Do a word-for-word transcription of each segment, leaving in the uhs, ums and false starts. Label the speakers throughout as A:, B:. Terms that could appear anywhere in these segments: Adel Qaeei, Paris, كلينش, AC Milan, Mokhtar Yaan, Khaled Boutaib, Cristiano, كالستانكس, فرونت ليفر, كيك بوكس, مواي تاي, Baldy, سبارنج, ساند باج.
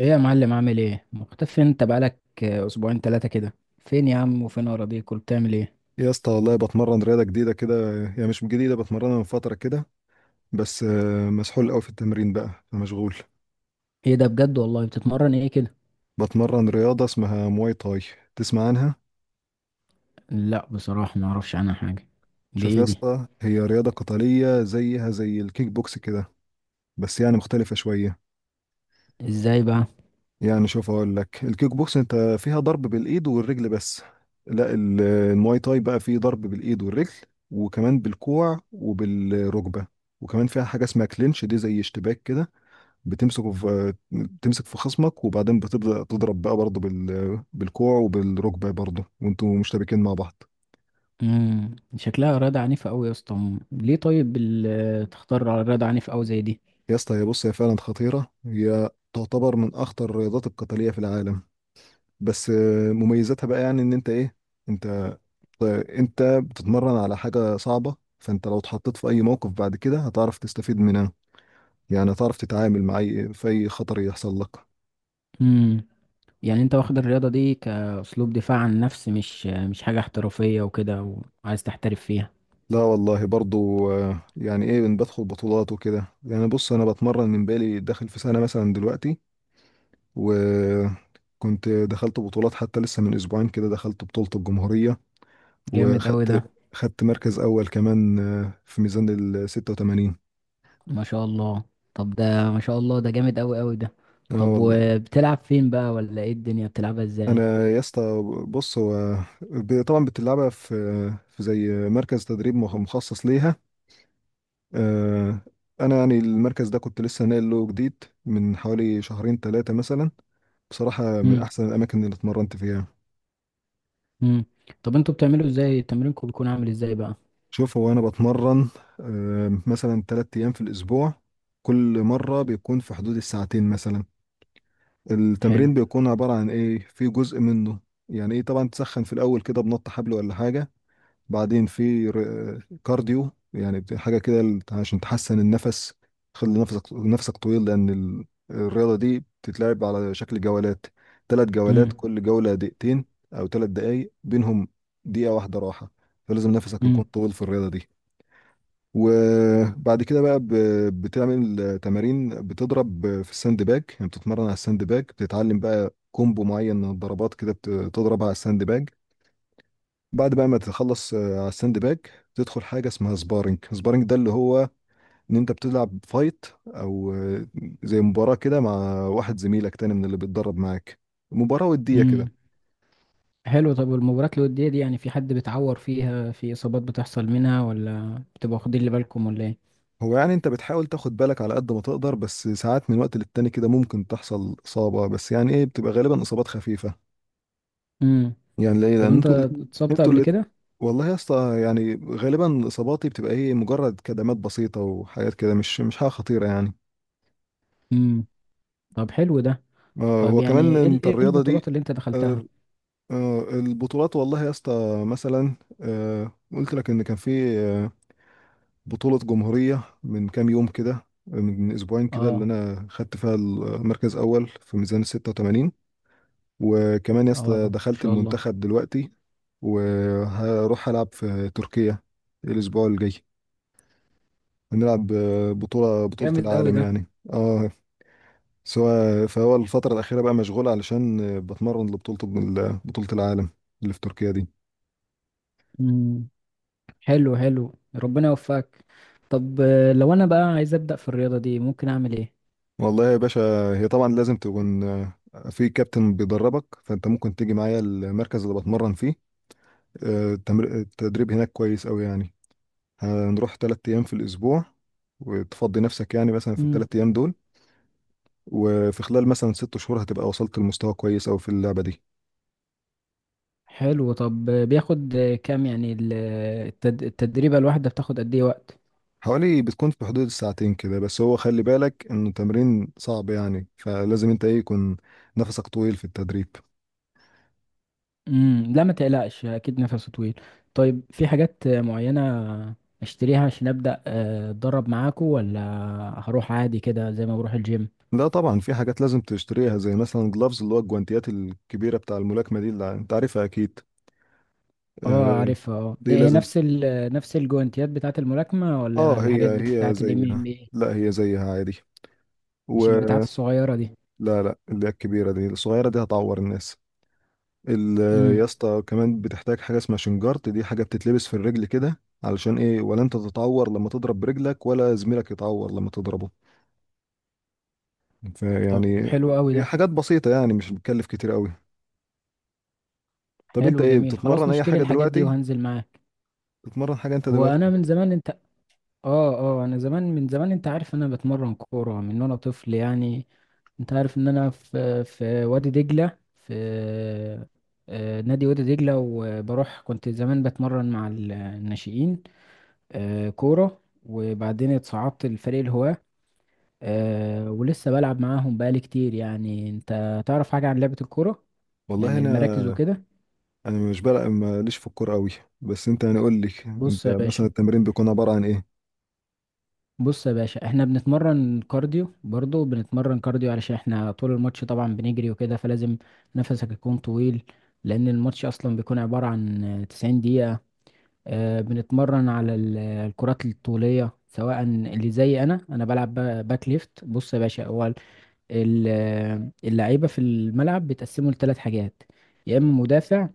A: ايه يا معلم؟ عامل ايه؟ مختفي انت، بقالك آه، اسبوعين ثلاثة كده. فين يا عم؟ وفين اراضيك؟ وبتعمل ايه؟
B: يا اسطى، والله بتمرن رياضة جديدة كده. يعني مش جديدة، بتمرنها من فترة كده. بس آه، مسحول قوي في التمرين بقى، فمشغول.
A: ايه ده بجد؟ والله بتتمرن ايه كده؟
B: بتمرن رياضة اسمها مواي تاي. تسمع عنها؟
A: لا بصراحة ما اعرفش عنها حاجة. دي
B: شوف يا مم.
A: ايه دي؟
B: اسطى، هي رياضة قتالية زيها زي الكيك بوكس كده، بس يعني مختلفة شوية.
A: ازاي بقى؟
B: يعني شوف، اقول لك الكيك بوكس انت فيها ضرب بالإيد والرجل بس. لا، ال- المواي تاي بقى فيه ضرب بالإيد والرجل، وكمان بالكوع وبالركبة. وكمان فيها حاجة اسمها كلينش، دي زي اشتباك كده. بتمسكه في بتمسك في خصمك، وبعدين بتبدأ تضرب بقى برضه بال... بالكوع وبالركبة برضه، وانتوا مشتبكين مع بعض.
A: امم شكلها رياضة عنيفة قوي يا اسطى. مم. ليه طيب ال- آه، تختار على رياضة عنيفة قوي زي دي؟
B: يا اسطى، هي بص، هي فعلا خطيرة، هي تعتبر من أخطر الرياضات القتالية في العالم. بس آه، مميزاتها بقى، يعني إن أنت إيه، أنت أنت بتتمرن على حاجة صعبة، فأنت لو اتحطيت في أي موقف بعد كده هتعرف تستفيد منها. يعني هتعرف تتعامل مع أي في أي خطر يحصل لك.
A: امم يعني انت واخد الرياضة دي كاسلوب دفاع عن النفس، مش آه، مش حاجة احترافية وكده وعايز تحترف فيها؟
B: لا والله، برضو آه، يعني ايه، بن- بدخل بطولات وكده. يعني بص، انا بتمرن من، بالي داخل في سنة مثلا دلوقتي، وكنت دخلت بطولات. حتى لسه من اسبوعين كده دخلت بطولة الجمهورية،
A: جامد قوي ده.
B: وخدت خدت مركز اول كمان، آه، في ميزان ال ستة وثمانين.
A: ما شاء الله. طب ده ما شاء الله، ده جامد قوي قوي ده.
B: اه
A: طب
B: والله.
A: وبتلعب فين بقى؟ ولا ايه الدنيا؟ بتلعبها ازاي؟
B: انا يا اسطى، بص هو ب- طبعا بتلعبها في في زي مركز تدريب مخ- مخصص ليها. آه، انا يعني المركز ده كنت لسه ناقل له جديد من حوالي شهرين ثلاثة مثلا. بصراحة من
A: امم
B: أحسن الأماكن اللي اتمرنت فيها.
A: امم طب انتوا بتعملوا ازاي؟ تمرينكم بيكون عامل ازاي بقى؟
B: شوف، هو أنا بتمرن آه، مثلا تلات أيام في الأسبوع، كل
A: مم.
B: مرة بيكون في حدود الساعتين مثلا.
A: حلو.
B: التمرين بيكون عبارة عن إيه، في جزء منه يعني إيه، طبعا تسخن في الأول كده، بنط حبل ولا حاجة. بعدين في ر- كارديو، يعني بت- حاجة كده ل- عشان تحسن النفس، تخلي نفسك نفسك طويل. لأن ال- الرياضة دي بتتلعب على شكل جولات، ثلاث جولات،
A: امم
B: كل جولة دقيقتين أو ثلاث دقايق، بينهم دقيقة واحدة راحة. فلازم نفسك يكون
A: امم
B: طويل في الرياضة دي. وبعد كده بقى ب- بتعمل تمارين، بتضرب في الساند باج، يعني بتتمرن على الساند باج، بتتعلم بقى كومبو معين من الضربات كده، بت- بتضرب على الساند باج. بعد بقى ما تخلص آه، على الساند باج، تدخل حاجه اسمها سبارنج. سبارنج ده اللي هو ان انت بتلعب فايت، او آه، زي مباراه كده مع واحد زميلك تاني من اللي بيتدرب معاك، مباراه وديه كده.
A: امم حلو. طب والمباريات الودية دي، يعني في حد بيتعور فيها؟ في اصابات بتحصل منها؟ ولا بتبقوا واخدين اللي بالكم؟ ولا ايه؟
B: هو يعني انت بتحاول تاخد بالك على قد ما تقدر، بس ساعات من وقت للتاني كده ممكن تحصل اصابه، بس يعني ايه، بتبقى غالبا اصابات خفيفه.
A: امم
B: يعني ليه،
A: طب
B: لان
A: انت
B: انتوا الاتنين-
A: اتصبت
B: انتوا
A: قبل
B: اللي
A: كده؟
B: والله يا اسطى، يعني غالبا اصاباتي بتبقى ايه، مجرد كدمات بسيطه وحاجات كده، مش مش حاجه خطيره يعني.
A: امم طب حلو ده.
B: آه،
A: طب
B: هو
A: يعني
B: كمان
A: ايه ال-
B: انت
A: إيه
B: الرياضة دي.
A: البطولات اللي انت دخلتها؟
B: آه، آه، البطولات والله يا اسطى، مثلا آه، قلت لك ان كان في آه، بطولة جمهورية من كام يوم كده، من اسبوعين كده، اللي
A: اه.
B: انا خدت فيها المركز اول في ميزان ستة وثمانين. وكمان يا اسطى
A: اه، ما
B: دخلت
A: شاء الله.
B: المنتخب دلوقتي، وهروح العب في تركيا الاسبوع الجاي. هنلعب آه، بطولة بطولة
A: جامد قوي
B: العالم
A: ده.
B: يعني. اه. سواء، فهو الفترة الأخيرة بقى مشغول علشان بتمرن لبطولة ال- بطولة العالم اللي في تركيا دي.
A: مم. حلو حلو، ربنا يوفقك. طب آه، لو انا بقى عايز ابدا في الرياضه دي، ممكن اعمل ايه؟
B: والله يا باشا، هي طبعا لازم تكون في كابتن بيدربك، فأنت ممكن تيجي معايا المركز اللي بتمرن فيه. آه، التمر- التدريب هناك كويس أوي يعني. هنروح تلات أيام في الأسبوع، وتفضي نفسك يعني مثلا في
A: امم
B: التلات أيام دول. وفي خلال مثلا ست شهور هتبقى وصلت لمستوى كويس أوي في اللعبة دي.
A: حلو. طب آه، بياخد آه، كام؟ يعني ال- التد- التدريبه الواحده بتاخد قد ايه وقت؟
B: حوالي بتكون في حدود الساعتين كده، بس هو خلي بالك انه تمرين صعب يعني، فلازم انت ايه، يكون نفسك طويل في التدريب.
A: امم لا ما تقلقش، اكيد نفسه طويل. طيب في حاجات آه، معينه اشتريها عشان ابدا آه، اتدرب معاكو؟ ولا هروح عادي كده زي ما بروح الجيم؟
B: لا طبعا، في حاجات لازم تشتريها، زي مثلا جلافز، اللي هو الجوانتيات الكبيرة بتاع الملاكمة دي اللي انت عارفها اكيد.
A: اه
B: آه،
A: عارفها، اه. دي
B: دي
A: هي
B: لازم.
A: نفس ال نفس الجوانتيات بتاعه الملاكمه؟
B: اه،
A: ولا
B: هي،
A: الحاجات
B: هي
A: بتاعه الام
B: زيها.
A: ام اي؟
B: لا هي زيها عادي،
A: مش البتاعات
B: ولا
A: الصغيره دي؟
B: لا، اللي هي الكبيرة دي. الصغيرة دي هتعور الناس. ال-.
A: امم
B: يا اسطى كمان بتحتاج حاجه اسمها شنجارت، دي حاجه بتتلبس في الرجل كده، علشان ايه، ولا انت تتعور لما تضرب برجلك، ولا زميلك يتعور لما تضربه.
A: طب
B: فيعني
A: حلو قوي
B: هي
A: ده.
B: حاجات بسيطه يعني، مش بتكلف كتير قوي. طب انت
A: حلو
B: ايه،
A: جميل، خلاص
B: بتتمرن اي
A: نشتري
B: حاجه
A: الحاجات دي
B: دلوقتي؟
A: وهنزل معاك.
B: بتتمرن حاجه انت
A: هو
B: دلوقتي
A: انا
B: ولا
A: من
B: إيه؟
A: زمان، انت اه. اه، انا زمان، من زمان، انت عارف انا بتمرن كورة من وانا طفل يعني. انت عارف ان انا في في وادي دجلة، في آه، نادي وادي دجلة، وبروح كنت زمان بتمرن مع ال- الناشئين، آه، كورة، وبعدين اتصعدت لفريق الهواة، آه، ولسه بلعب معاهم بقالي كتير. يعني انت تعرف حاجة عن لعبة الكورة؟
B: والله
A: يعني
B: انا،
A: المراكز وكده.
B: انا مش بلعب، ماليش في الكوره قوي، بس انت يعني قول لي انت
A: بص يا
B: مثلا
A: باشا،
B: التمرين بيكون عباره عن ايه.
A: بص يا باشا، احنا بنتمرن كارديو، برضه بنتمرن كارديو علشان احنا طول الماتش طبعا بنجري وكده، فلازم نفسك يكون طويل، لان الماتش اصلا بيكون عبارة عن تسعين دقيقة. آه، بنتمرن على ال- الكرات الطولية، سواء اللي زي انا انا بلعب با- باك ليفت. بص يا باشا، هو ال- ال- اللعيبة في الملعب بيتقسموا لثلاث حاجات: يا اما مدافع،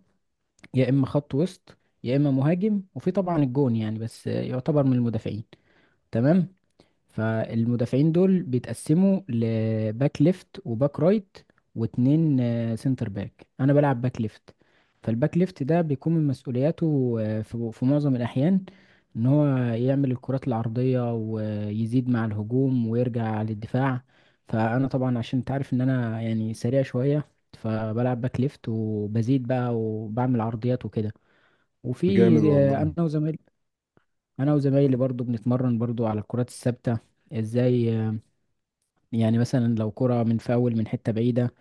A: يا اما خط وسط، يا اما مهاجم، وفي طبعا الجون يعني، بس آه، يعتبر من المدافعين. تمام. فالمدافعين دول بيتقسموا لباك ليفت وباك رايت، واتنين آه، سنتر باك. انا بلعب باك ليفت، فالباك ليفت ده بيكون من مسؤولياته آه، في في معظم الاحيان ان هو يعمل الكرات العرضية ويزيد مع الهجوم ويرجع للدفاع. فانا طبعا عشان انت عارف ان انا يعني سريع شوية، فبلعب باك ليفت وبزيد بقى وبعمل عرضيات وكده. وفي
B: جامد
A: آه،
B: والله.
A: انا وزمايلي، انا وزمايلي برضو بنتمرن برضو على الكرات الثابتة. ازاي؟ آه، يعني مثلا لو كرة من فاول من حتة بعيدة،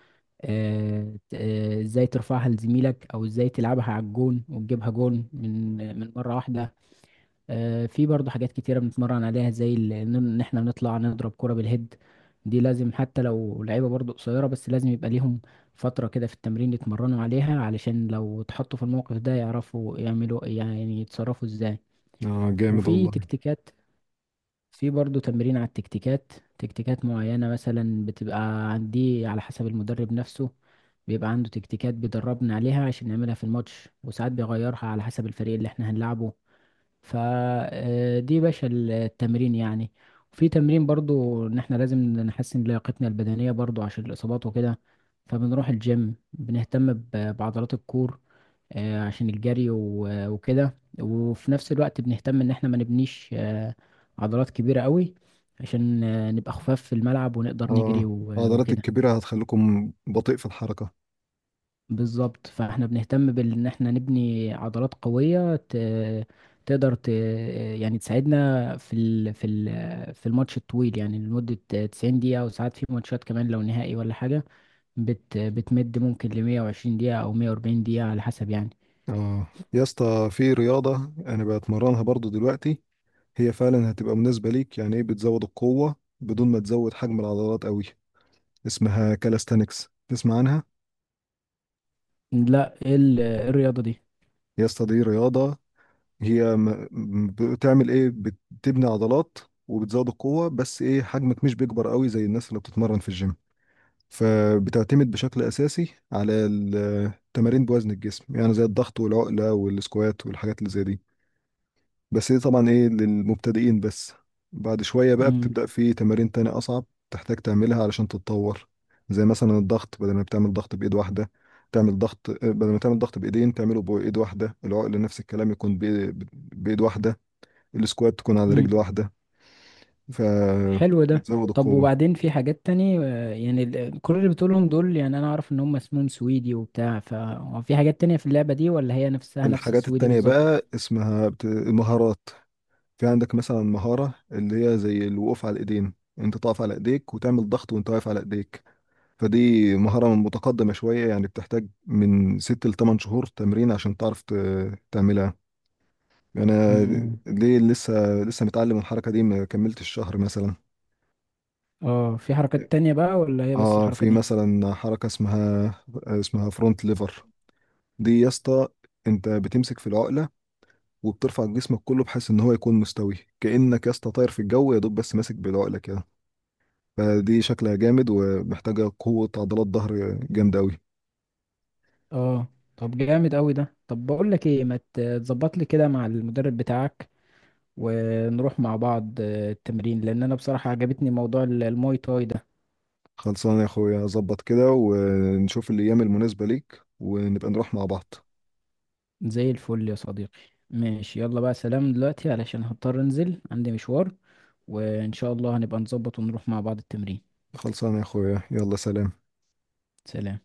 A: آه، ت- آه، ازاي ترفعها لزميلك، او ازاي تلعبها على الجون وتجيبها جون من من مرة واحدة. آه، في برضه حاجات كتيرة بنتمرن عليها، زي ال- ان إن احنا نطلع نضرب كرة بالهيد. دي لازم حتى لو لعيبة برضه قصيرة، بس لازم يبقى ليهم فترة كده في التمرين يتمرنوا عليها، علشان لو اتحطوا في الموقف ده يعرفوا يعملوا، يعني يتصرفوا ازاي.
B: اه جامد
A: وفي
B: والله.
A: تكتيكات، في برضو تمرين على التكتيكات. تكتيكات معينة مثلا بتبقى عندي، على حسب المدرب نفسه بيبقى عنده تكتيكات بيدربنا عليها عشان نعملها في الماتش، وساعات بيغيرها على حسب الفريق اللي احنا هنلعبه. فدي باشا التمرين يعني. وفي تمرين برضو ان احنا لازم نحسن لياقتنا البدنية برضو عشان الإصابات وكده، فبنروح الجيم بنهتم ب- بعضلات الكور، آه، عشان الجري و- وكده. وفي نفس الوقت بنهتم ان احنا ما نبنيش آه، عضلات كبيرة قوي، عشان آه، نبقى خفاف في الملعب ونقدر نجري
B: اه،
A: و-
B: العضلات
A: وكده.
B: الكبيره هتخليكم بطيء في الحركه.
A: بالظبط، فاحنا بنهتم بان احنا نبني عضلات قوية ت- تقدر ت... يعني تساعدنا في ال... في ال... في الماتش الطويل، يعني لمدة تسعين دقيقة، وساعات في ماتشات كمان لو نهائي ولا حاجة بت... بتمد ممكن ل مية وعشرين دقيقة او مية واربعين دقيقة، على حسب يعني.
B: اه. يا اسطى في رياضة انا بتمرنها برضو دلوقتي، هي فعلا هتبقى مناسبة ليك، يعني ايه، بتزود القوة بدون ما تزود حجم العضلات قوي. اسمها كالستانكس. تسمع عنها؟
A: لا، ايه ال- إيه الرياضة دي؟
B: يا اسطى دي رياضة، هي م- م- بتعمل ايه، بتبني عضلات وبتزود القوة، بس ايه، حجمك مش بيكبر قوي زي الناس اللي بتتمرن في الجيم. فبتعتمد بشكل اساسي على التمارين بوزن الجسم، يعني زي الضغط والعقلة والسكوات والحاجات اللي زي دي. بس دي طبعا ايه، للمبتدئين بس. بعد شوية بقى
A: مم.
B: بتبدأ في تمارين تانية أصعب، تحتاج تعملها علشان تتطور. زي مثلا الضغط، بدل ما بتعمل ضغط بإيد واحدة، تعمل ضغط، بدل ما تعمل ضغط بإيدين تعمله بإيد واحدة. العقل نفس الكلام، يكون بإيد, بإيد واحدة. السكوات تكون على
A: مم.
B: رجل واحدة.
A: حلو ده.
B: فبتزود
A: طب
B: القوة.
A: وبعدين في حاجات تانية آه، يعني ال- كل اللي بتقولهم دول، يعني انا اعرف ان هم اسمهم سويدي وبتاع، ففي حاجات تانية في اللعبة دي؟ ولا هي نفسها نفس
B: الحاجات
A: السويدي
B: التانية
A: بالظبط؟
B: بقى اسمها بت... المهارات. في عندك مثلا مهارة، اللي هي زي الوقوف على الإيدين، انت تقف على ايديك وتعمل ضغط وانت واقف على ايديك. فدي مهارة متقدمة شوية يعني، بتحتاج من ست لتمن شهور تمرين عشان تعرف ت- تعملها. أنا
A: امم
B: ليه، لسه، لسه متعلم الحركة دي، ما كملتش شهر مثلا.
A: اه، في حركات تانية بقى؟ ولا هي بس
B: اه
A: الحركة
B: في
A: دي؟
B: مثلا حركة اسمها اسمها فرونت ليفر. دي يا اسطى، انت بتمسك في العقلة، وبترفع جسمك كله بحيث ان هو يكون مستوي، كأنك يا اسطى طاير في الجو، يا دوب بس ماسك بالعقلة كده. فدي شكلها جامد، ومحتاجة قوة عضلات ظهر جامدة أوي.
A: اه. طب جامد قوي ده. طب بقول لك ايه، ما ت- تظبط لي كده مع المدرب بتاعك، ونروح مع بعض آه، التمرين، لان انا بصراحة عجبتني موضوع ال- الماي تاي ده.
B: خلصان يا اخويا، ظبط كده ونشوف الايام المناسبة ليك ونبقى نروح مع بعض.
A: زي الفل يا صديقي. ماشي، يلا بقى سلام دلوقتي، علشان هضطر انزل عندي مشوار، وان شاء الله هنبقى نظبط ونروح مع بعض التمرين.
B: خلصان يا اخويا، يلا سلام.
A: سلام.